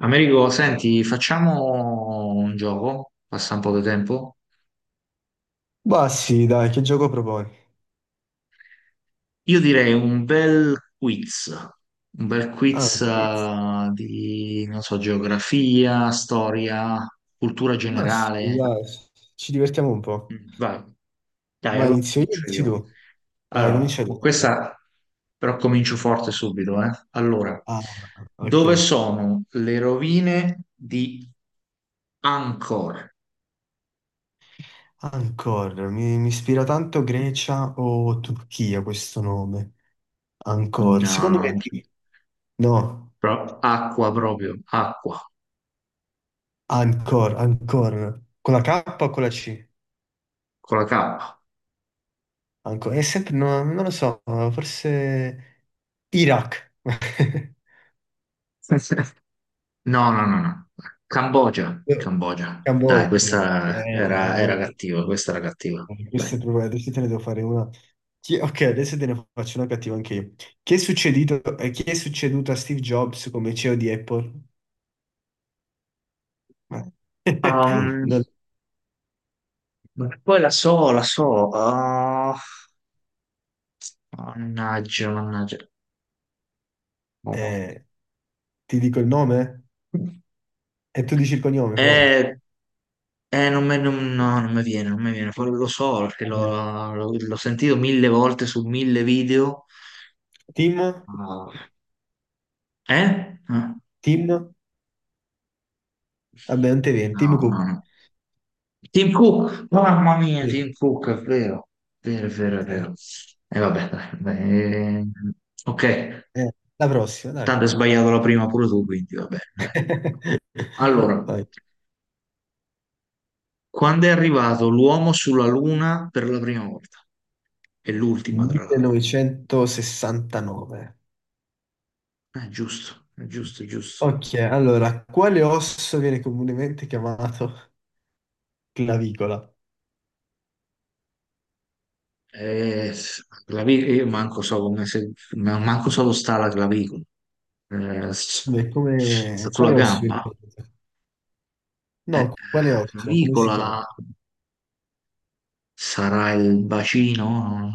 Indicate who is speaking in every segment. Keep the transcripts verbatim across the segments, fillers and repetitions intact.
Speaker 1: Americo, senti, facciamo un gioco, passa un po' di tempo.
Speaker 2: Ma sì, dai, che gioco proponi?
Speaker 1: Io direi un bel quiz, un bel
Speaker 2: Ah,
Speaker 1: quiz
Speaker 2: un quiz.
Speaker 1: eh, di, non so, geografia, storia, cultura
Speaker 2: Ma sì,
Speaker 1: generale.
Speaker 2: dai, ci divertiamo un po'.
Speaker 1: Mm, vai, dai,
Speaker 2: Vai,
Speaker 1: allora
Speaker 2: inizio io,
Speaker 1: comincio
Speaker 2: inizi
Speaker 1: io.
Speaker 2: tu. Dai,
Speaker 1: Allora,
Speaker 2: comincia
Speaker 1: con
Speaker 2: tu.
Speaker 1: questa però comincio forte subito, eh. Allora,
Speaker 2: Ah,
Speaker 1: dove
Speaker 2: ok.
Speaker 1: sono le rovine di Angkor?
Speaker 2: Ancora, mi, mi ispira tanto Grecia o Turchia questo nome. Ancora, secondo
Speaker 1: No.
Speaker 2: me di- No,
Speaker 1: Pro- acqua proprio, acqua,
Speaker 2: ancora, ancora. Con la K o con la C?
Speaker 1: con la K.
Speaker 2: Ancora, è sempre, no, non lo so, forse Iraq.
Speaker 1: No, no, no, no. Cambogia, Cambogia. Dai,
Speaker 2: Cambogia.
Speaker 1: questa
Speaker 2: Eh,
Speaker 1: era,
Speaker 2: dai,
Speaker 1: era
Speaker 2: oh.
Speaker 1: cattiva, questa era cattiva.
Speaker 2: Eh, Queste
Speaker 1: Dai.
Speaker 2: proprio- adesso te ne devo fare una. Chi- ok, adesso te ne faccio una cattiva anche io. Chi è succedito, eh, chi è succeduto a Steve Jobs come C E O di Apple? Ma-
Speaker 1: Ehm,
Speaker 2: non-
Speaker 1: ma poi la so, la so. Ah, mannaggia, mannaggia.
Speaker 2: eh, ti dico il nome? E tu dici il cognome, provi.
Speaker 1: Eh, eh, non me- non- no, non mi viene, non mi viene. Poi lo so, perché
Speaker 2: Vabbè.
Speaker 1: l'ho l'ho- l'ho sentito mille volte su mille video.
Speaker 2: Tim?
Speaker 1: Ah, eh? Eh?
Speaker 2: Tim? Vabbè, non te viene. Tim
Speaker 1: No, no,
Speaker 2: Cook.
Speaker 1: no. Tim Cook, mamma mia,
Speaker 2: Sì.
Speaker 1: Tim Cook, è vero, è vero, è vero, è
Speaker 2: Eh,
Speaker 1: vero. E vabbè, dai, eh, ok,
Speaker 2: eh, la prossima, dai.
Speaker 1: tanto hai sbagliato la prima pure tu, quindi vabbè, dai. Allora,
Speaker 2: Vai.
Speaker 1: quando è arrivato l'uomo sulla Luna per la prima volta? E l'ultima, tra l'altro.
Speaker 2: millenovecentosessantanove.
Speaker 1: Eh, giusto, è giusto, è giusto.
Speaker 2: Ok, allora, quale osso viene comunemente chiamato clavicola?
Speaker 1: Eh, la vi- io manco so come se, ma- manco so dove sta la clavicola. Eh, s-
Speaker 2: Beh,
Speaker 1: Sta
Speaker 2: come...
Speaker 1: sulla
Speaker 2: quale osso viene
Speaker 1: gamba.
Speaker 2: chiamato?
Speaker 1: Eh,
Speaker 2: No, quale osso? Come si
Speaker 1: Clavicola.
Speaker 2: chiama?
Speaker 1: Sarà il bacino?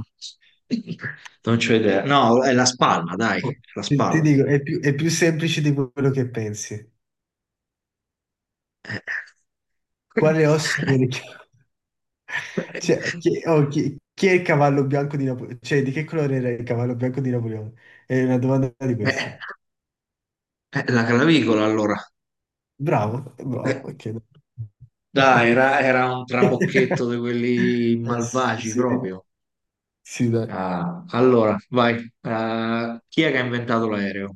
Speaker 1: Non c'ho idea. No, è la spalla, dai, la
Speaker 2: Ti, ti
Speaker 1: spalla.
Speaker 2: dico, è più, è più semplice di quello che pensi.
Speaker 1: Eh,
Speaker 2: Quale osso viene chiamato? Cioè, chi, oh, chi- chi è il cavallo bianco di Napoleone? Cioè, di che colore era il cavallo bianco di Napoleone? È una domanda di questa.
Speaker 1: eh, eh, la clavicola allora.
Speaker 2: Bravo, bravo,
Speaker 1: Eh,
Speaker 2: ok.
Speaker 1: Dai, era, era un trabocchetto di quelli
Speaker 2: Eh, sì,
Speaker 1: malvagi
Speaker 2: sì,
Speaker 1: proprio.
Speaker 2: sì, dai.
Speaker 1: Ah, allora, vai. Eh, chi è che ha inventato l'aereo?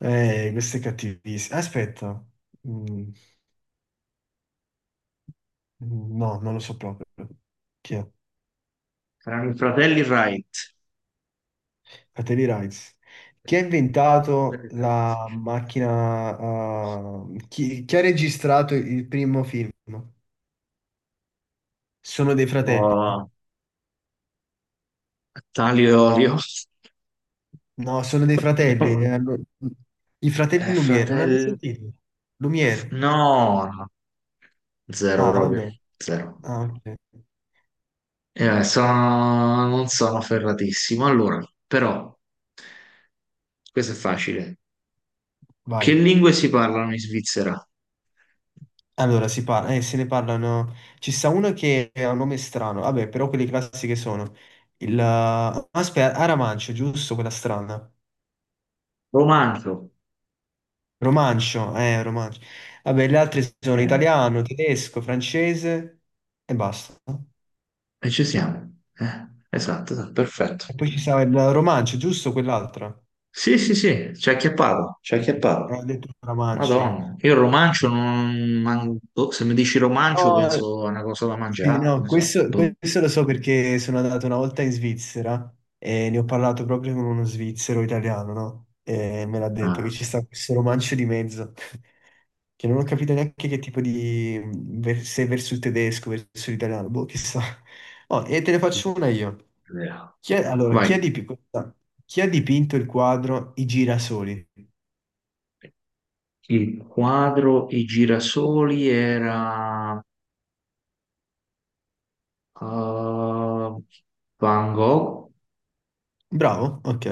Speaker 2: Eh, questo è cattivissimo. Aspetta. Mm, no, non lo so proprio. Chi è?
Speaker 1: Erano i fratelli Wright.
Speaker 2: Fratelli Rice. Chi ha inventato la macchina? eh, chi, chi ha registrato il primo film? Sono dei fratelli.
Speaker 1: Oh, Talio e Olio.
Speaker 2: No, sono dei fratelli. eh, allo- I fratelli
Speaker 1: Eh,
Speaker 2: Lumière, non l'hai mai
Speaker 1: fratelli.
Speaker 2: sentito? Lumière.
Speaker 1: No, no, zero
Speaker 2: Ah,
Speaker 1: proprio,
Speaker 2: vabbè.
Speaker 1: zero.
Speaker 2: Ah, ok.
Speaker 1: Eh, sono- non sono ferratissimo. Allora, però, questo è facile. Che
Speaker 2: Vai.
Speaker 1: lingue si parlano in Svizzera?
Speaker 2: Allora, si par- eh, se ne parlano. Ci sta uno che ha un nome strano. Vabbè, però quelli classici che sono. Il... Aspetta, Aramancio, giusto? Quella strana.
Speaker 1: Romanzo.
Speaker 2: Romancio, eh, Romancio. Vabbè, le altre sono
Speaker 1: Eh,
Speaker 2: italiano, tedesco, francese e basta.
Speaker 1: e ci siamo. Eh, esatto, esatto, perfetto.
Speaker 2: E poi ci sta il Romancio, giusto? Quell'altra.
Speaker 1: Sì, sì, sì, ci ha acchiappato, ci ha
Speaker 2: Sì, eh,
Speaker 1: acchiappato.
Speaker 2: ho detto Romancio io.
Speaker 1: Madonna, io il romancio non... man- boh, se mi dici romancio
Speaker 2: No,
Speaker 1: penso a una cosa da
Speaker 2: sì,
Speaker 1: mangiare, che
Speaker 2: no,
Speaker 1: ne so.
Speaker 2: questo,
Speaker 1: Boh.
Speaker 2: questo lo so perché sono andato una volta in Svizzera e ne ho parlato proprio con uno svizzero italiano, no? E me l'ha detto che
Speaker 1: Ah.
Speaker 2: ci sta questo romancio di mezzo, che non ho capito neanche che tipo di... ver- se verso il tedesco, verso l'italiano, boh, chissà. Oh, e te ne faccio una io. Chi è- allora,
Speaker 1: Vai.
Speaker 2: chi ha dipi- questa- chi ha dipinto il quadro I girasoli?
Speaker 1: Il quadro I girasoli era eh, Van Gogh.
Speaker 2: Bravo, ok.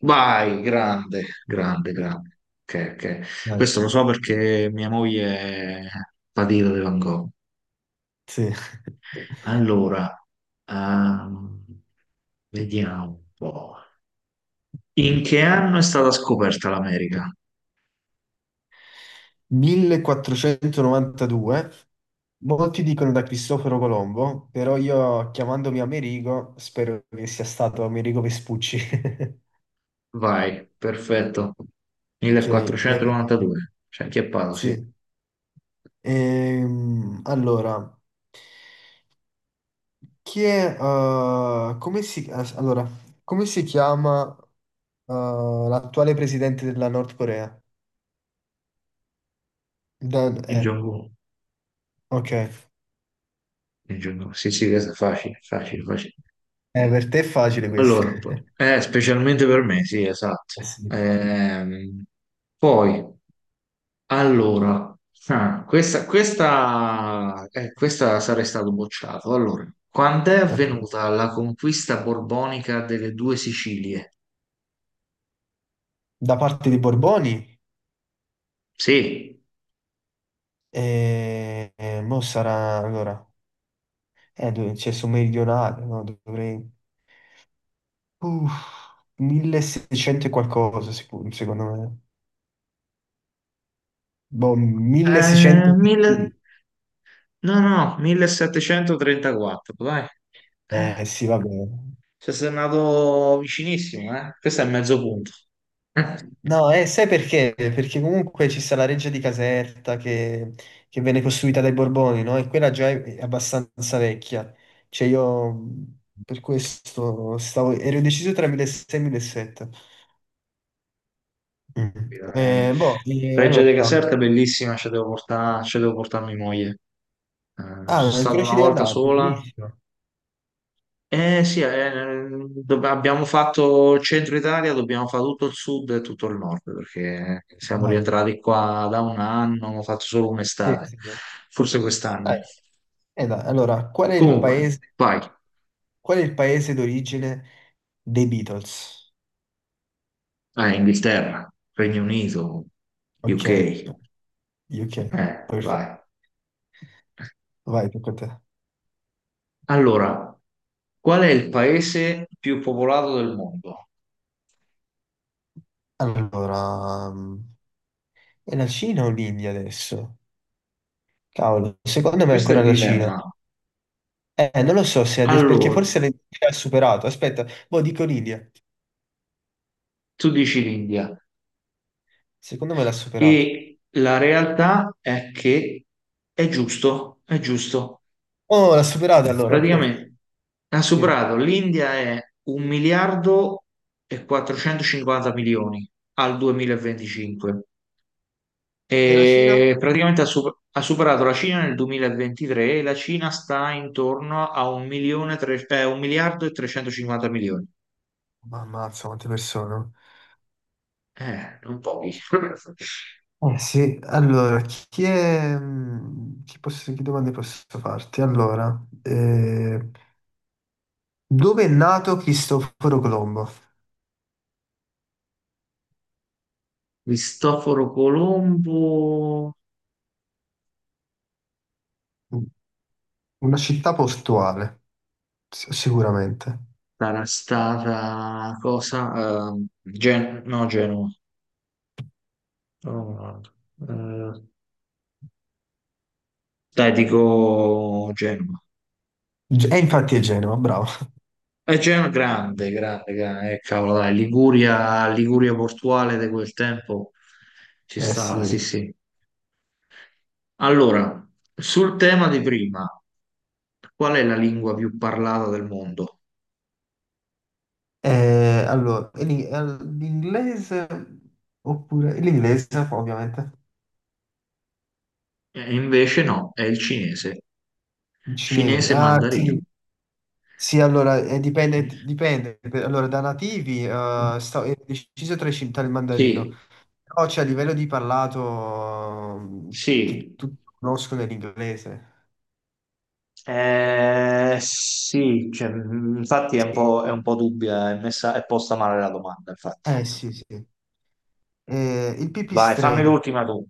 Speaker 1: Vai, grande, grande, grande. Ok, ok.
Speaker 2: Dai.
Speaker 1: Questo lo so perché mia moglie è patita di Van Gogh.
Speaker 2: Sì.
Speaker 1: Allora, ehm, vediamo un po'. In che anno è stata scoperta l'America?
Speaker 2: millequattrocentonovantadue, molti dicono da Cristoforo Colombo, però io chiamandomi Amerigo spero che sia stato Amerigo Vespucci.
Speaker 1: Vai, perfetto.
Speaker 2: Ok, eh,
Speaker 1: millequattrocentonovantadue. C'è anche a Paolo, sì.
Speaker 2: sì. Ehm, allora, chi è, eh, come si, as- allora, come si chiama, eh, l'attuale presidente della Nord Corea? Dan-
Speaker 1: Kim
Speaker 2: eh,
Speaker 1: Jong-un.
Speaker 2: ok, Eh,
Speaker 1: Il giorno- Sì, sì, questo è facile, facile, facile.
Speaker 2: per te è facile questo.
Speaker 1: Allora, poi- eh, specialmente per me, sì, esatto.
Speaker 2: Eh sì.
Speaker 1: Ehm, Poi, allora, ah, questa, questa, eh, questa sarei stato bocciato. Allora, quando è
Speaker 2: Ok.
Speaker 1: avvenuta la conquista borbonica delle due Sicilie?
Speaker 2: Da parte dei Borboni?
Speaker 1: Sì,
Speaker 2: E, e mo sarà allora, eh, dove- c'è su meridionale, no? Dovrei uff, milleseicento e qualcosa, sicuro, secondo me. Boh,
Speaker 1: Eh,
Speaker 2: milleseicento.
Speaker 1: mille- no, no, millesettecentotrentaquattro, dai.
Speaker 2: Eh sì, va bene.
Speaker 1: Ci sei andato vicinissimo, eh? Questo è mezzo punto.
Speaker 2: No, eh, sai perché? Perché comunque ci sta la reggia di Caserta che, che venne costruita dai Borboni, no? E quella già è abbastanza vecchia. Cioè io mh, per questo stavo, ero deciso tra milleseicento e millesettecento. Mm.
Speaker 1: Capito? Eh,
Speaker 2: Eh, boh, eh,
Speaker 1: Reggia
Speaker 2: allora,
Speaker 1: de Caserta è bellissima, ci devo portare, ci devo portare mia moglie. Eh, sono
Speaker 2: Ah, il
Speaker 1: stato
Speaker 2: Croce
Speaker 1: una
Speaker 2: di
Speaker 1: volta
Speaker 2: Andrea,
Speaker 1: sola.
Speaker 2: bellissimo.
Speaker 1: Eh sì, eh, dobb- abbiamo fatto il centro Italia, dobbiamo fare tutto il sud e tutto il nord, perché siamo
Speaker 2: Dai,
Speaker 1: rientrati qua da un anno, ho fatto solo
Speaker 2: sì,
Speaker 1: un'estate,
Speaker 2: sì, dai.
Speaker 1: forse quest'anno.
Speaker 2: Dai, eh, dai, allora, qual è il
Speaker 1: Comunque,
Speaker 2: paese,
Speaker 1: vai.
Speaker 2: qual è il paese d'origine dei Beatles?
Speaker 1: Eh, Inghilterra, Regno Unito,
Speaker 2: Ok,
Speaker 1: U K.
Speaker 2: ok,
Speaker 1: Eh, vai.
Speaker 2: perfetto. Vai, tocca a te.
Speaker 1: Allora, qual è il paese più popolato del mondo?
Speaker 2: Allora, mm, è la Cina o l'India adesso? Cavolo, secondo me è
Speaker 1: Questo è il
Speaker 2: ancora la Cina.
Speaker 1: dilemma.
Speaker 2: Eh, non lo so se adesso, perché
Speaker 1: Allora,
Speaker 2: forse l'India ha superato. Aspetta, boh, dico l'India.
Speaker 1: tu dici l'India
Speaker 2: Secondo me l'ha superato.
Speaker 1: e la realtà è che è giusto, è giusto.
Speaker 2: Oh, l'ha superato allora, ok.
Speaker 1: Praticamente ha
Speaker 2: Sì. E
Speaker 1: superato, l'India è un miliardo e quattrocentocinquanta milioni al duemilaventicinque
Speaker 2: la Cina?
Speaker 1: e praticamente ha, sup- ha superato la Cina nel duemilaventitré e la Cina sta intorno a un milione tre- eh, un miliardo e trecentocinquanta milioni.
Speaker 2: Ma ammazza, quante persone. Oh.
Speaker 1: Eh, non pochi.
Speaker 2: Eh sì, allora, chi è... mh, Chi, posso, che domande posso farti? Allora, eh, dove è nato Cristoforo Colombo?
Speaker 1: Cristoforo Colombo
Speaker 2: Una città portuale, s- sicuramente.
Speaker 1: sarà stata cosa? Ehm, Gen- no, Genova. No, no, eh, dai, dico Genova.
Speaker 2: Ge- E infatti è Genova, bravo.
Speaker 1: È Genova grande, grande, grande. Eh, cavolo, dai, Liguria, Liguria portuale di quel tempo ci
Speaker 2: Eh
Speaker 1: stava,
Speaker 2: sì.
Speaker 1: sì, sì. Allora, sul tema di prima, qual è la lingua più parlata del mondo?
Speaker 2: Eh, allora, e l'ing- eh, l'inglese oppure... e l'inglese, ovviamente.
Speaker 1: E invece no, è il cinese.
Speaker 2: Il cinese.
Speaker 1: Cinese
Speaker 2: Ah
Speaker 1: mandarino.
Speaker 2: sì, sì, allora, eh, dipende, dipende. Allora, da nativi eh, sta- è deciso tra i cin- tra il mandarino.
Speaker 1: Sì,
Speaker 2: No, cioè a livello di parlato mh, che
Speaker 1: sì,
Speaker 2: tutti conoscono è l'inglese.
Speaker 1: eh, sì, cioè, mh, infatti è un
Speaker 2: Sì.
Speaker 1: po', è un po' dubbia, è messa, è posta male la domanda, infatti.
Speaker 2: Eh sì, sì. Eh, il
Speaker 1: Vai, fammi
Speaker 2: pipistrello.
Speaker 1: l'ultima tu,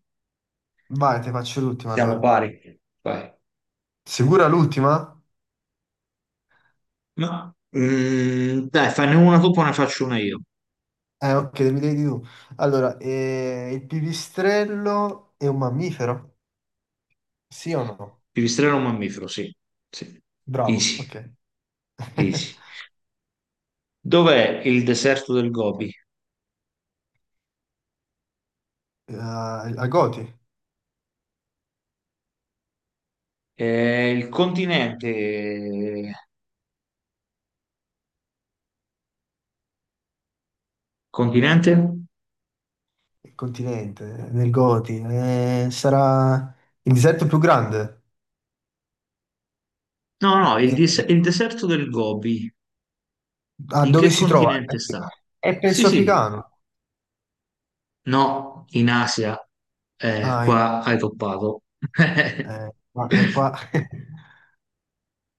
Speaker 2: Vai, te faccio l'ultima
Speaker 1: siamo
Speaker 2: allora.
Speaker 1: pari. Vai.
Speaker 2: Sicura l'ultima?
Speaker 1: Ma, mm, dai, fanne una tu, poi ne faccio una io.
Speaker 2: Eh, ok, mi devi dire tu. Allora, eh, il pipistrello è un mammifero? Sì o no?
Speaker 1: Pipistrello o mammifero, sì. Sì.
Speaker 2: Bravo,
Speaker 1: Easy,
Speaker 2: ok.
Speaker 1: easy. Dov'è il deserto del Gobi?
Speaker 2: Eh, Al Goti,
Speaker 1: Eh, il continente. Continente?
Speaker 2: il continente, nel Goti. Eh, sarà il deserto più grande?
Speaker 1: No, no, il,
Speaker 2: Eh,
Speaker 1: dis- il deserto del Gobi.
Speaker 2: Ah,
Speaker 1: In
Speaker 2: dove
Speaker 1: che
Speaker 2: si trova?
Speaker 1: continente sta?
Speaker 2: È
Speaker 1: Sì,
Speaker 2: penso
Speaker 1: sì.
Speaker 2: africano.
Speaker 1: No, in Asia. Eh,
Speaker 2: Ah, in-
Speaker 1: qua hai toppato.
Speaker 2: eh, ma è qua.